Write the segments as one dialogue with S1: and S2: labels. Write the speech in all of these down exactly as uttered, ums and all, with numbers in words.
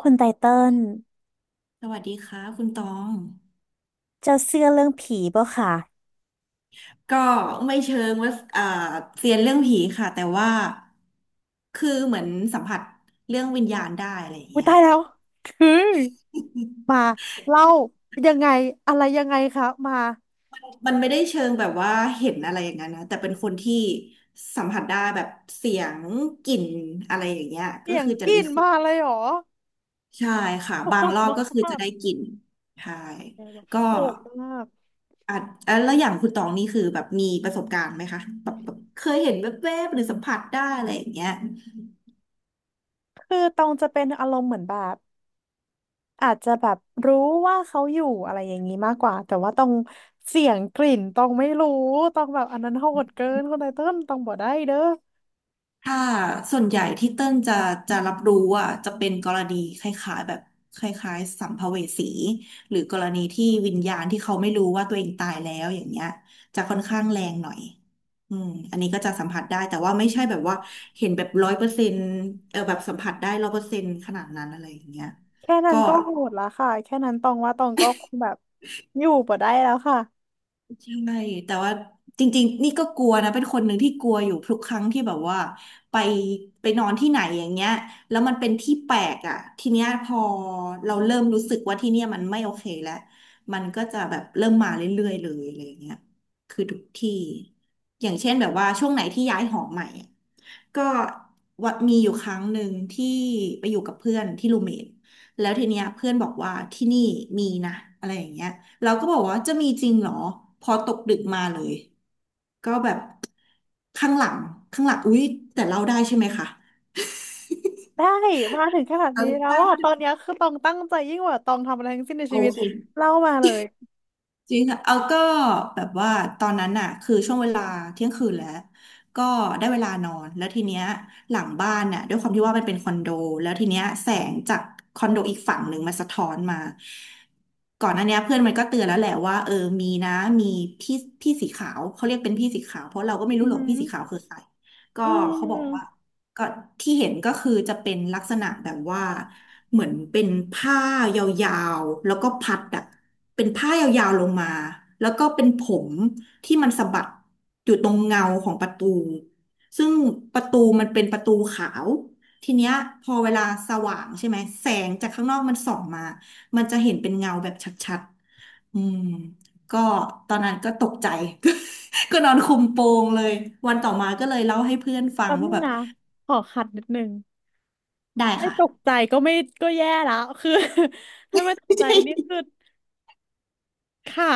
S1: คุณไตเติ้ล
S2: สวัสดีค่ะคุณตอง
S1: เจ้าเชื่อเรื่องผีป่ะคะ
S2: ก็ไม่เชิงว่าอ่าเซียนเรื่องผีค่ะแต่ว่าคือเหมือนสัมผัสเรื่องวิญญาณได้อะไรอย่าง
S1: อุ้ย
S2: เงี้ย
S1: ตายแล้วคือมา เล่ายังไงอะไรยังไงคะมา
S2: มันไม่ได้เชิงแบบว่าเห็นอะไรอย่างนั้นนะแต่เป็นคนที่สัมผัสได้แบบเสียงกลิ่นอะไรอย่างเงี้ยก็
S1: เสียง
S2: คือ
S1: ก
S2: จะ
S1: รี
S2: รู้
S1: ด
S2: สึก
S1: มาเลยเหรอ
S2: ใช่ค่ะบา
S1: โห
S2: ง
S1: ด
S2: รอ
S1: ม
S2: บก็คือ
S1: า
S2: จะ
S1: ก
S2: ได้กลินใช่ก็
S1: โหดมาก
S2: อาจอ่ะแล้วอย่างคุณตองนี่คือแบบมีประสบการณ์ไหมคะแบบแบบเคยเห็นแวบๆหรือสัมผัสได้อะไรอย่างเงี้ย
S1: คือตองจะเป็นอารมณ์เหมือนแบบอาจจะแบบรู้ว่าเขาอยู่อะไรอย่างนี้มากกว่าแต่ว่าตองเสียงกลิ่นตองไม่รู้ตองแบบอันนั้นโหดเกินคณไตเติ้ลตองบ่ได้เด้อ
S2: ถ้าส่วนใหญ่ที่เติ้ลจะจะรับรู้อ่ะจะเป็นกรณีคล้ายๆแบบคล้ายๆสัมภเวสีหรือกรณีที่วิญญาณที่เขาไม่รู้ว่าตัวเองตายแล้วอย่างเงี้ยจะค่อนข้างแรงหน่อยอืมอันนี้ก็จะสัมผัสได้แต่ว่าไม่ใช่แบบว่าเห็นแบบร้อยเปอร์เซ็นต์เออแบบสัมผัสได้ร้อยเปอร์เซ็นต์ขนาดนั้นอะไรอย่างเงี้ย
S1: แค่นั้
S2: ก็
S1: นก็โหดละค่ะแค่นั้นตองว่าตองก็คงแบบอยู่บ่ได้แล้วค่ะ
S2: ใช่แต่ว่าจริงๆนี่ก็กลัวนะเป็นคนหนึ่งที่กลัวอยู่ทุกครั้งที่แบบว่าไปไปนอนที่ไหนอย่างเงี้ยแล้วมันเป็นที่แปลกอ่ะทีเนี้ยพอเราเริ่มรู้สึกว่าที่เนี่ยมันไม่โอเคแล้วมันก็จะแบบเริ่มมาเรื่อยๆเลยอะไรอย่างเงี้ยคือทุกที่อย่างเช่นแบบว่าช่วงไหนที่ย้ายหอใหม่อะก็ว่ามีอยู่ครั้งหนึ่งที่ไปอยู่กับเพื่อนที่รูเมทแล้วทีเนี้ยเพื่อนบอกว่าที่นี่มีนะอะไรอย่างเงี้ย เราก็บอกว่าจะมีจริงเหรอพอตกดึกมาเลยก็แบบข้างหลังข้างหลังอุ๊ยแต่เราได้ใช่ไหมคะ
S1: ได้มาถึงขนาด
S2: เรา
S1: นี้แล้ว
S2: ได้
S1: อ่ะ
S2: ด้
S1: ต
S2: ว
S1: อนเนี้
S2: ย
S1: ยคือตองตั้งใจยิ่งกว่าตองทำอะไรทั้งสิ้นใน
S2: โอ
S1: ชีวิต
S2: เค
S1: เล่ามาเลย
S2: จริงค่ะเอาก็แบบว่าตอนนั้นน่ะคือช่วงเวลาเที่ยงคืนแล้วก็ได้เวลานอนแล้วทีเนี้ยหลังบ้านน่ะด้วยความที่ว่ามันเป็นคอนโดแล้วทีเนี้ยแสงจากคอนโดอีกฝั่งหนึ่งมาสะท้อนมาก่อนหน้าเนี้ยเพื่อนมันก็เตือนแล้วแหละว่าเออมีนะมีพี่พี่สีขาวเขาเรียกเป็นพี่สีขาวเพราะเราก็ไม่
S1: อื
S2: รู้
S1: อ
S2: หรอ
S1: หื
S2: ก
S1: อ
S2: พี่สีขาวคือใครก็
S1: อื
S2: เขาบอกว่า
S1: ม
S2: ก็ที่เห็นก็คือจะเป็นลักษณะแบบว่าเหมือนเป็นผ้ายาวๆแล้วก็พัดอะเป็นผ้ายาวๆลงมาแล้วก็เป็นผมที่มันสะบัดอยู่ตรงเงาของประตูซึ่งประตูมันเป็นประตูขาวทีเนี้ยพอเวลาสว่างใช่ไหมแสงจากข้างนอกมันส่องมามันจะเห็นเป็นเงาแบบชัดๆอืมก็ตอนนั้นก็ตกใจ ก็นอนคลุมโปงเลยวันต่อมาก็เลยเล่าให้เพื่อนฟั
S1: แป๊
S2: ง
S1: บ
S2: ว่า
S1: นึง
S2: แบบ
S1: นะขอขัดนิดนึง
S2: ได้
S1: ไม่
S2: ค่ะ
S1: ตกใจก็ไม่ก็แย่แล้วคือ ถ้าไม่ตก ใจนี่
S2: ใช่
S1: คือค่ะ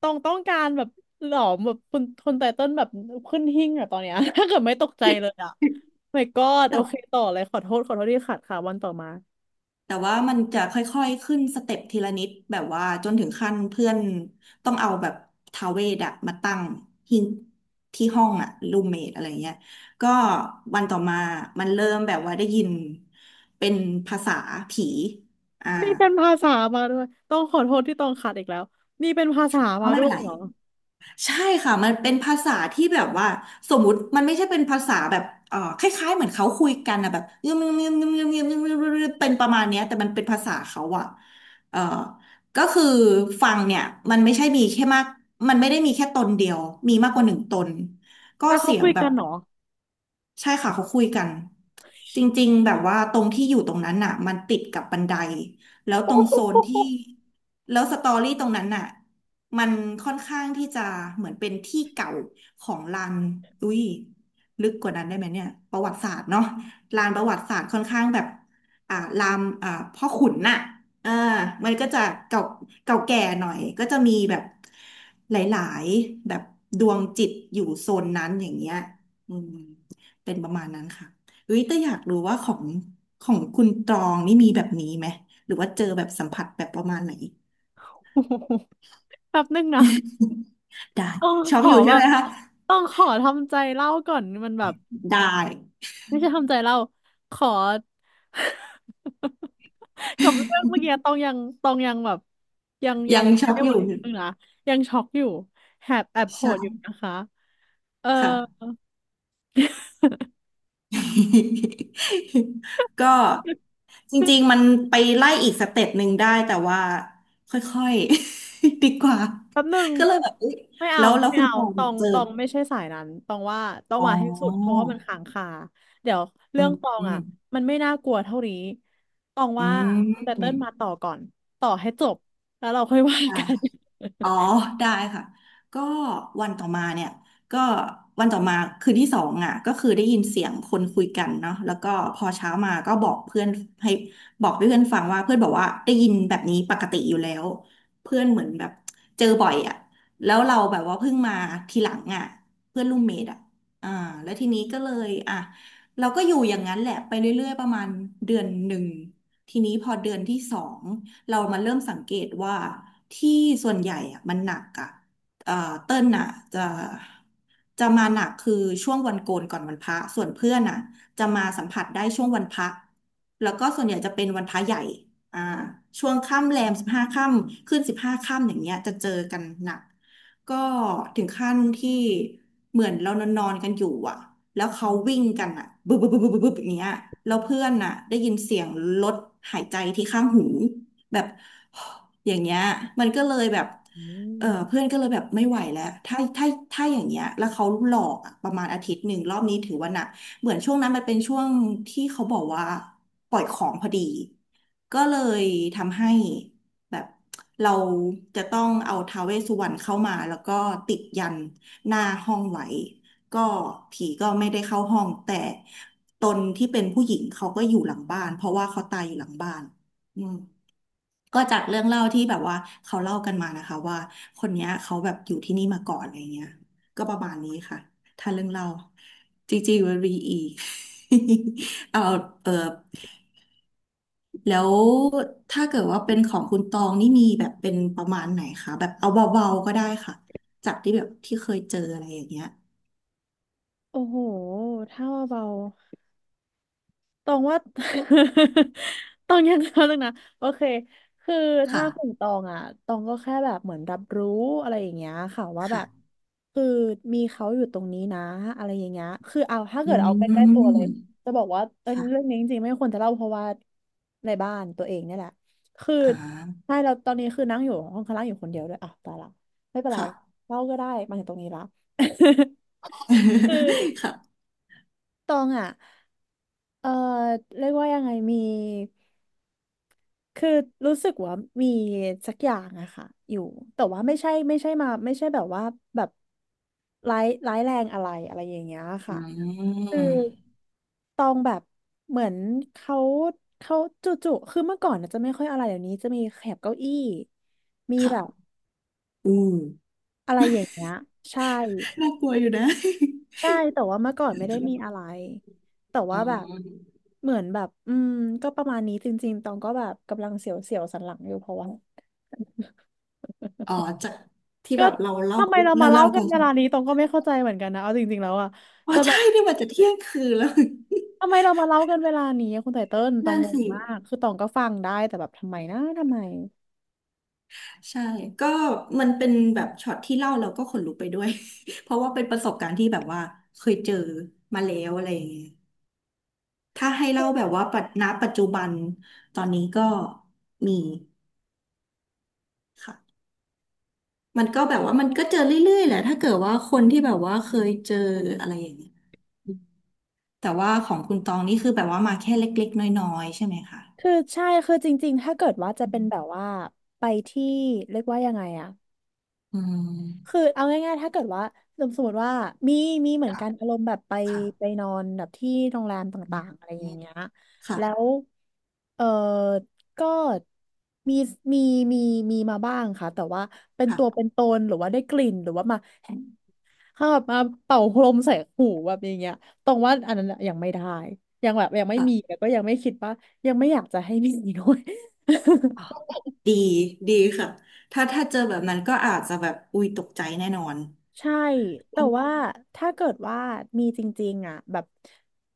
S1: ตองต้องการแบบหลอมแบบคนคนไตเติ้ลแบบขึ้นหิ้งอะตอนเนี้ย ถ้าเกิดไม่ตกใจเลยอะ my god โอ
S2: แต่
S1: เคต่อเลยขอโทษขอโทษที่ขัดค่ะวันต่อมา
S2: แต่ว่ามันจะค่อยๆขึ้นสเต็ปทีละนิดแบบว่าจนถึงขั้นเพื่อนต้องเอาแบบทาเวดอะมาตั้งที่ที่ห้องอะรูมเมทอะไรเงี้ยก็วันต่อมามันเริ่มแบบว่าได้ยินเป็นภาษาผีอ่า
S1: นี่เป็นภาษามาด้วยต้องขอโทษที่ต้องขัดอีกแล้วนี่เป็นภาษา
S2: ก็
S1: มา
S2: ไม่
S1: ด้
S2: เป็
S1: ว
S2: น
S1: ย
S2: ไร
S1: เหรอ
S2: ใช่ค่ะมันเป็นภาษาที่แบบว่าสมมุติมันไม่ใช่เป็นภาษาแบบเอ่อคล้ายๆเหมือนเขาคุยกันนะแบบเงียบเงียบเงียบเงียบเงียบเงียบเงียบเงียบเป็นประมาณเนี้ยแต่มันเป็นภาษาเขาอะเอ่อก็คือฟังเนี่ยมันไม่ใช่มีแค่มากมันไม่ได้มีแค่ตนเดียวมีมากกว่าหนึ่งตนก็
S1: แล้วเขา
S2: เสีย
S1: คุ
S2: ง
S1: ย
S2: แบ
S1: กั
S2: บ
S1: นเหรอ
S2: ใช่ค่ะเขาคุยกันจริงๆแบบว่าตรงที่อยู่ตรงนั้นน่ะมันติดกับบันไดแล้วต
S1: โอ้
S2: รง
S1: โห
S2: โซนที่แล้วสตอรี่ตรงนั้นน่ะมันค่อนข้างที่จะเหมือนเป็นที่เก่าของลานอุ้ยลึกกว่านั้นได้ไหมเนี่ยประวัติศาสตร์เนาะลานประวัติศาสตร์ค่อนข้างแบบอ่าลามอ่าพ่อขุนน่ะเออมันก็จะเก่าเก่าแก่หน่อยก็จะมีแบบหลายๆแบบดวงจิตอยู่โซนนั้นอย่างเงี้ยอืม เป็นประมาณนั้นค่ะเฮ้ยแต่อยากรู้ว่าของของคุณตรองนี่มีแบบนี้ไหมหรือว่าเจอแบบสัมผัสแบบประมาณไหน
S1: แป๊บนึงนะ
S2: ได้
S1: ต้อง
S2: ช็
S1: ข
S2: อก
S1: อ
S2: อยู่
S1: แบ
S2: ใช่ไห
S1: บ
S2: มคะ
S1: ต้องขอทำใจเล่าก่อนมันแบบ
S2: ได้
S1: ไม่ใช่ทำใจเล่า ขอ กับเรื่องเมื่อกี้ต้องยังต้องยังแบบยังยั
S2: ยั
S1: ง
S2: ง
S1: ไป
S2: ช็อก
S1: ไม่
S2: อ
S1: ไหว
S2: ยู่
S1: นึงนะยังช็อกอยู่แอบแอบโหดอยู่
S2: ใช่
S1: นะคะเออ
S2: ค่ะ ก็จริงๆมันไปไล่อีกสเต็ปหนึ่งได้แต่ว่าค่อยๆ ดีกว่า
S1: แป๊บหนึ่ง
S2: ก็เลยแบบเอย
S1: ไม่เอา
S2: แล้วแล้ว
S1: ไม่
S2: คุณ
S1: เอา
S2: ปอง
S1: ตอง
S2: เจอ
S1: ตองไม่ใช่สายนั้นตองว่าต้อง
S2: อ๋
S1: มาให้สุดเพราะ
S2: อ
S1: ว่ามันค้างคาเดี๋ยว
S2: อื
S1: เรื่อ
S2: ม
S1: งตอง
S2: อืม
S1: อ่ะมันไม่น่ากลัวเท่านี้ตอง
S2: อื
S1: ว่าคุณไต
S2: ม
S1: เติ้ลมาต่อก่อนต่อให้จบแล้วเราค่อยว่า
S2: ได้
S1: กัน
S2: อ๋อได้ค่ะก็วันต่อมาเนี่ยก็วันต่อมาคืนที่สองอ่ะก็คือได้ยินเสียงคนคุยกันเนาะแล้วก็พอเช้ามาก็บอกเพื่อนให้บอกเพื่อนฟังว่าเพื่อนบอกว่าได้ยินแบบนี้ปกติอยู่แล้วเพื่อนเหมือนแบบเจอบ่อยอ่ะแล้วเราแบบว่าเพิ่งมาทีหลังอ่ะเพื่อนรูมเมทอ่ะอ่าแล้วทีนี้ก็เลยอ่ะเราก็อยู่อย่างนั้นแหละไปเรื่อยๆประมาณเดือนหนึ่งทีนี้พอเดือนที่สอง เรามาเริ่มสังเกตว่าที่ส่วนใหญ่อะมันหนักอะเอ่อเติ้ลน่ะจะจะมาหนักคือช่วงวันโกนก่อนวันพระส่วนเพื่อนน่ะจะมาสัมผัสได้ช่วงวันพระแล้วก็ส่วนใหญ่จะเป็นวันพระใหญ่อ่าช่วงค่ำแรมสิบห้าค่ำขึ้นสิบห้าค่ำอย่างเงี้ยจะเจอกันหนักก็ถึงขั้นที่เหมือนเรานอนๆกันอยู่อ่ะแล้วเขาวิ่งกันอ่ะบึบบึบบึบบึบบึบอย่างเงี้ยแล้วเพื่อนน่ะได้ยินเสียงรถหายใจที่ข้างหู แบบ อย่างเงี้ยมันก็เลยแบบเออเพื่อนก็เลยแบบไม่ไหวแล้วถ้าถ้าถ้าอย่างเงี้ยแล้วเขาหลอกอะประมาณอาทิตย์หนึ่งรอบนี้ถือว่าหนักเหมือนช่วงนั้นมันเป็นช่วงที่เขาบอกว่าปล่อยของพอดีก็เลยทำให้แบบเราจะต้องเอาท้าวเวสสุวรรณเข้ามาแล้วก็ติดยันหน้าห้องไว้ก็ผีก็ไม่ได้เข้าห้องแต่ตนที่เป็นผู้หญิงเขาก็อยู่หลังบ้านเพราะว่าเขาตายอยู่หลังบ้านอืม ก็จากเรื่องเล่าที่แบบว่าเขาเล่ากันมานะคะว่าคนเนี้ยเขาแบบอยู่ที่นี่มาก่อนอะไรเงี้ยก็ประมาณนี้ค่ะถ้าเรื่องเล่าจริงๆมันมีอีก เอาเออแล้วถ้าเกิดว่าเป็นของคุณตองนี่มีแบบเป็นประมาณไหนคะแบบเอาเบาๆก็ได้ค่ะจากที่แบบที่เคยเจออะไรอย่างเงี้ย
S1: โอ้โหถ้าเบา ตองว่า ตองยังเขาเลงนะโอเคคือถ้า
S2: ค่ะ
S1: ของตองอ่ะตองก็แค่แบบเหมือนรับรู้อะไรอย่างเงี้ยค่ะว่าแบบ
S2: ค่ะ
S1: คือมีเขาอยู่ตรงนี้นะอะไรอย่างเงี้ยคือเอาถ้า
S2: อื
S1: เกิดเอาใกล้ๆตัวเล
S2: ม
S1: ยจะบอกว่าเออเรื่อง
S2: ค่ะ
S1: นี้จริงๆไม่ควรจะเล่าเพราะว่าในบ้านตัวเองเนี่ยแหละคือ
S2: อ่า
S1: ใช่เราตอนนี้คือนั่งอยู่ห้องข้างล่างอยู่คนเดียวด้วยอ่ะตายละไม่เป็นไร
S2: ค่ะ
S1: เล่าก็ได้มาถึงตรงนี้ละ คือ
S2: ค่ะ
S1: ตองอ่ะเออเรียกว่ายังไงมี คือรู้สึกว่ามีสักอย่างอะค่ะอยู่แต่ว่าไม่ใช่ไม่ใช่มาไม่ใช่แบบว่าแบบร้ายร้ายแรงอะไรอะไรอย่างเงี้ย
S2: อื
S1: ค่ะคือ
S2: ม
S1: ตองแบบเหมือนเขาเขาจู่ๆคือเมื่อก่อนนะจะไม่ค่อยอะไรเดี๋ยวนี้จะมีแถบเก้าอี้มีแบบ
S2: ค่ะอืม
S1: อะไรอย่างเงี้ยใช่
S2: น่ากลัวอยู่นะ
S1: ใช่แต่ว่าเมื่อก่อนไม่ได้มีอะไรแต่
S2: อ๋
S1: ว่า
S2: อ
S1: แบบเหมือนแบบอืมก็ประมาณนี้จริงๆตองก็แบบกำลังเสียวๆสันหลังอยู่เพราะว่า
S2: อ๋อจากที่
S1: ก็
S2: แบบเราเล่า
S1: ทำไมเรา
S2: เรา
S1: มาเล่า
S2: เล่า
S1: กั
S2: กั
S1: น
S2: น
S1: เวลานี้ตองก็ไม่เข้าใจเหมือนกันนะเอาจริงๆแล้วอะแต่
S2: ว่า
S1: แบบ
S2: ใช่เนี่ยมันจะเที่ยงคืนแล้ว
S1: ทำไมเรามาเล่ากันเวลานี้อะคุณไตเติ้ลตอง
S2: นั่น
S1: งง
S2: สิ
S1: มากคือตองก็ฟังได้แต่แบบทำไมนะทำไม
S2: ใช่ก็มันเป็นแบบช็อตที่เล่าเราก็ขนลุกไปด้วย เพราะว่าเป็นประสบการณ์ที่แบบว่าเคยเจอมาแล้วอะไรอย่างเงี้ยถ้าให้เล่าแบบว่าปัจณปัจจุบันตอนนี้ก็มีค่ะมันก็แบบว่ามันก็เจอเรื่อยๆแหละถ้าเกิดว่าคนที่แบบว่าเคยเจออะไรอย่างเงี้ย แต่ว่าของคุณตองนี่คือแบบว่ามาแค่เล็กๆน้อยๆใช่ไหมคะ
S1: คือใช่คือจริงๆถ้าเกิดว่าจะ
S2: อื
S1: เป็นแบบ
S2: ม
S1: ว่าไปที่เรียกว่ายังไงอะ
S2: อื
S1: คือ
S2: ม
S1: เอาง่ายๆถ้าเกิดว่าสมสมมติว่ามีมีเหมือน
S2: ค่ะ
S1: กันอารมณ์แบบไป
S2: ค่ะ
S1: ไปนอนแบบที่โรงแรม
S2: อื
S1: ต่า
S2: ม
S1: งๆอะไรอย่างเงี้ยแล้
S2: ค่ะ
S1: วเออก็มีมีมีมีมาบ้างค่ะแต่ว่าเป็นตัวเป็
S2: ค่ะ
S1: นตนหรือว่าได้กลิ่นหรือว่ามาเข้าแบบมาเป่าพรมใส่หูแบบอย่างเงี้ยตรงว่าอันนั้นอะยังไม่ได้ยังแบบยังไม่
S2: ค่ะ
S1: มีแล้วก็ยังไม่คิดว่ายังไม่อยากจะให้มีด้วย
S2: อ๋อ ดี ดีค่ะถ้าถ้าเจอแบบนั้นก็อาจจะแบบ อุ้ย ตกใจแน่นอน
S1: ใช่ แต่ว่าถ้าเกิดว่ามีจริงๆอ่ะแบบ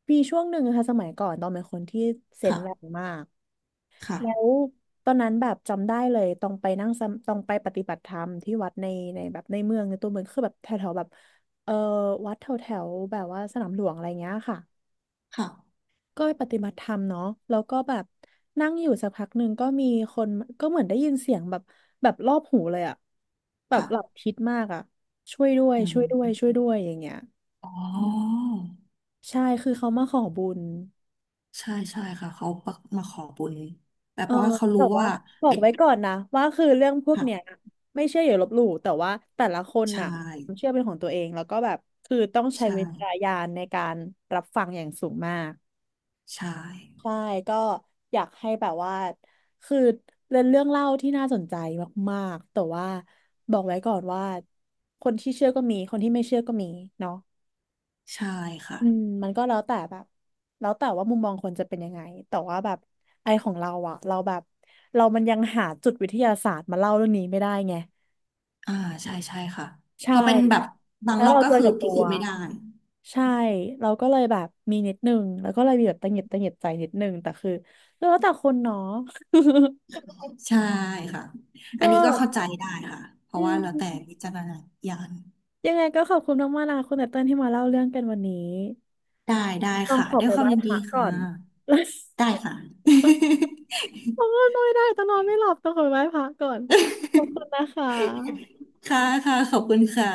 S1: ปีช่วงหนึ่งนะค่ะสมัยก่อนตองเป็นคนที่เซนส์แรง
S2: ค่ะ
S1: มากแล้ว
S2: ค่ะ
S1: ตอนนั้นแบบจำได้เลยต้องไปนั่งสมต้องไปปฏิบัติธรรมที่วัดในในแบบในเมืองในตัวเมืองคือแบบแถวๆแบบเออวัดแถวแถวแบบว่าสนามหลวงอะไรเงี้ยค่ะ
S2: ค่ะ
S1: ก็ไปปฏิบัติธรรมเนาะแล้วก็แบบนั่งอยู่สักพักหนึ่งก็มีคนก็เหมือนได้ยินเสียงแบบแบบรอบหูเลยอะแบบหลับ
S2: ค่ะ
S1: ทิศมากอะช่วยด้วย
S2: อื
S1: ช่วยด้วยช่
S2: ม
S1: วยด้วยอย่างเงี้ย
S2: อ๋อ
S1: ใช่คือเขามาขอบุญ
S2: ใช่ใช่ค่ะ เขามาขอบุญแต่
S1: เอ
S2: เพ
S1: อ
S2: ราะว่าเขา
S1: แต่
S2: รู้
S1: ว่า
S2: ว่า
S1: บอก
S2: เด็ก
S1: ไว้ก่อนนะว่าคือเรื่องพวก
S2: ค่ะ
S1: เนี้ยไม่เชื่ออย่าลบหลู่แต่ว่าแต่ละคน
S2: ใช่
S1: น่ะความเชื่อเป็นของตัวเองแล้วก็แบบคือต้องใช้
S2: ใช่
S1: วิจารณญาณในการรับฟังอย่างสูงมาก
S2: ใช่
S1: ใช่ก็อยากให้แบบว่าคือเป็นเรื่องเล่าที่น่าสนใจมากๆแต่ว่าบอกไว้ก่อนว่าคนที่เชื่อก็มีคนที่ไม่เชื่อก็มีเนาะ
S2: ใช่ค่ะ
S1: อืมมันก็แล้วแต่แบบแล้วแต่ว่ามุมมองคนจะเป็นยังไงแต่ว่าแบบไอของเราอะเราแบบเรามันยังหาจุดวิทยาศาสตร์มาเล่าเรื่องนี้ไม่ได้ไง
S2: อ่าใช่ใช่ค่ะพ
S1: ใช่
S2: อเป็นแบบบาง
S1: แล้ว
S2: รอบ
S1: เรา
S2: ก็
S1: เจอ
S2: คือ
S1: กับ
S2: พิ
S1: ตัว
S2: สูจน์ไม่ได้
S1: ใช่เราก็เลยแบบมีนิดนึงแล้วก็เลยมีแบบตังหงิดตังหงิดใจนิดนึงแต่คือแล้วแต่คนเนาะ
S2: ใช่ค่ะ อั
S1: ก็
S2: นนี้ก็เข้าใจได้ค่ะเพ
S1: อื
S2: ราะว่าเราแต่วิ
S1: ม
S2: จารณญาณ
S1: ยังไงก็ขอบคุณมากๆนะคุณแต่เติ้ลที่มาเล่าเรื่องกันวันนี้
S2: ได้ได้
S1: ต้อง
S2: ค่ะ
S1: ขอ
S2: ด้ว
S1: ไป
S2: ยค
S1: ไห
S2: วาม
S1: ว้
S2: ยิน
S1: พ
S2: ดี
S1: ระก่
S2: ค่ะ
S1: อน
S2: ได้ค่ะ
S1: โอ้ยนอนไม่ได้แต้องนอนไม่หลับต้องขอไปไหว้พระก่อน ขอบคุณนะคะ
S2: ค่ะค่ะขอบคุณค่ะ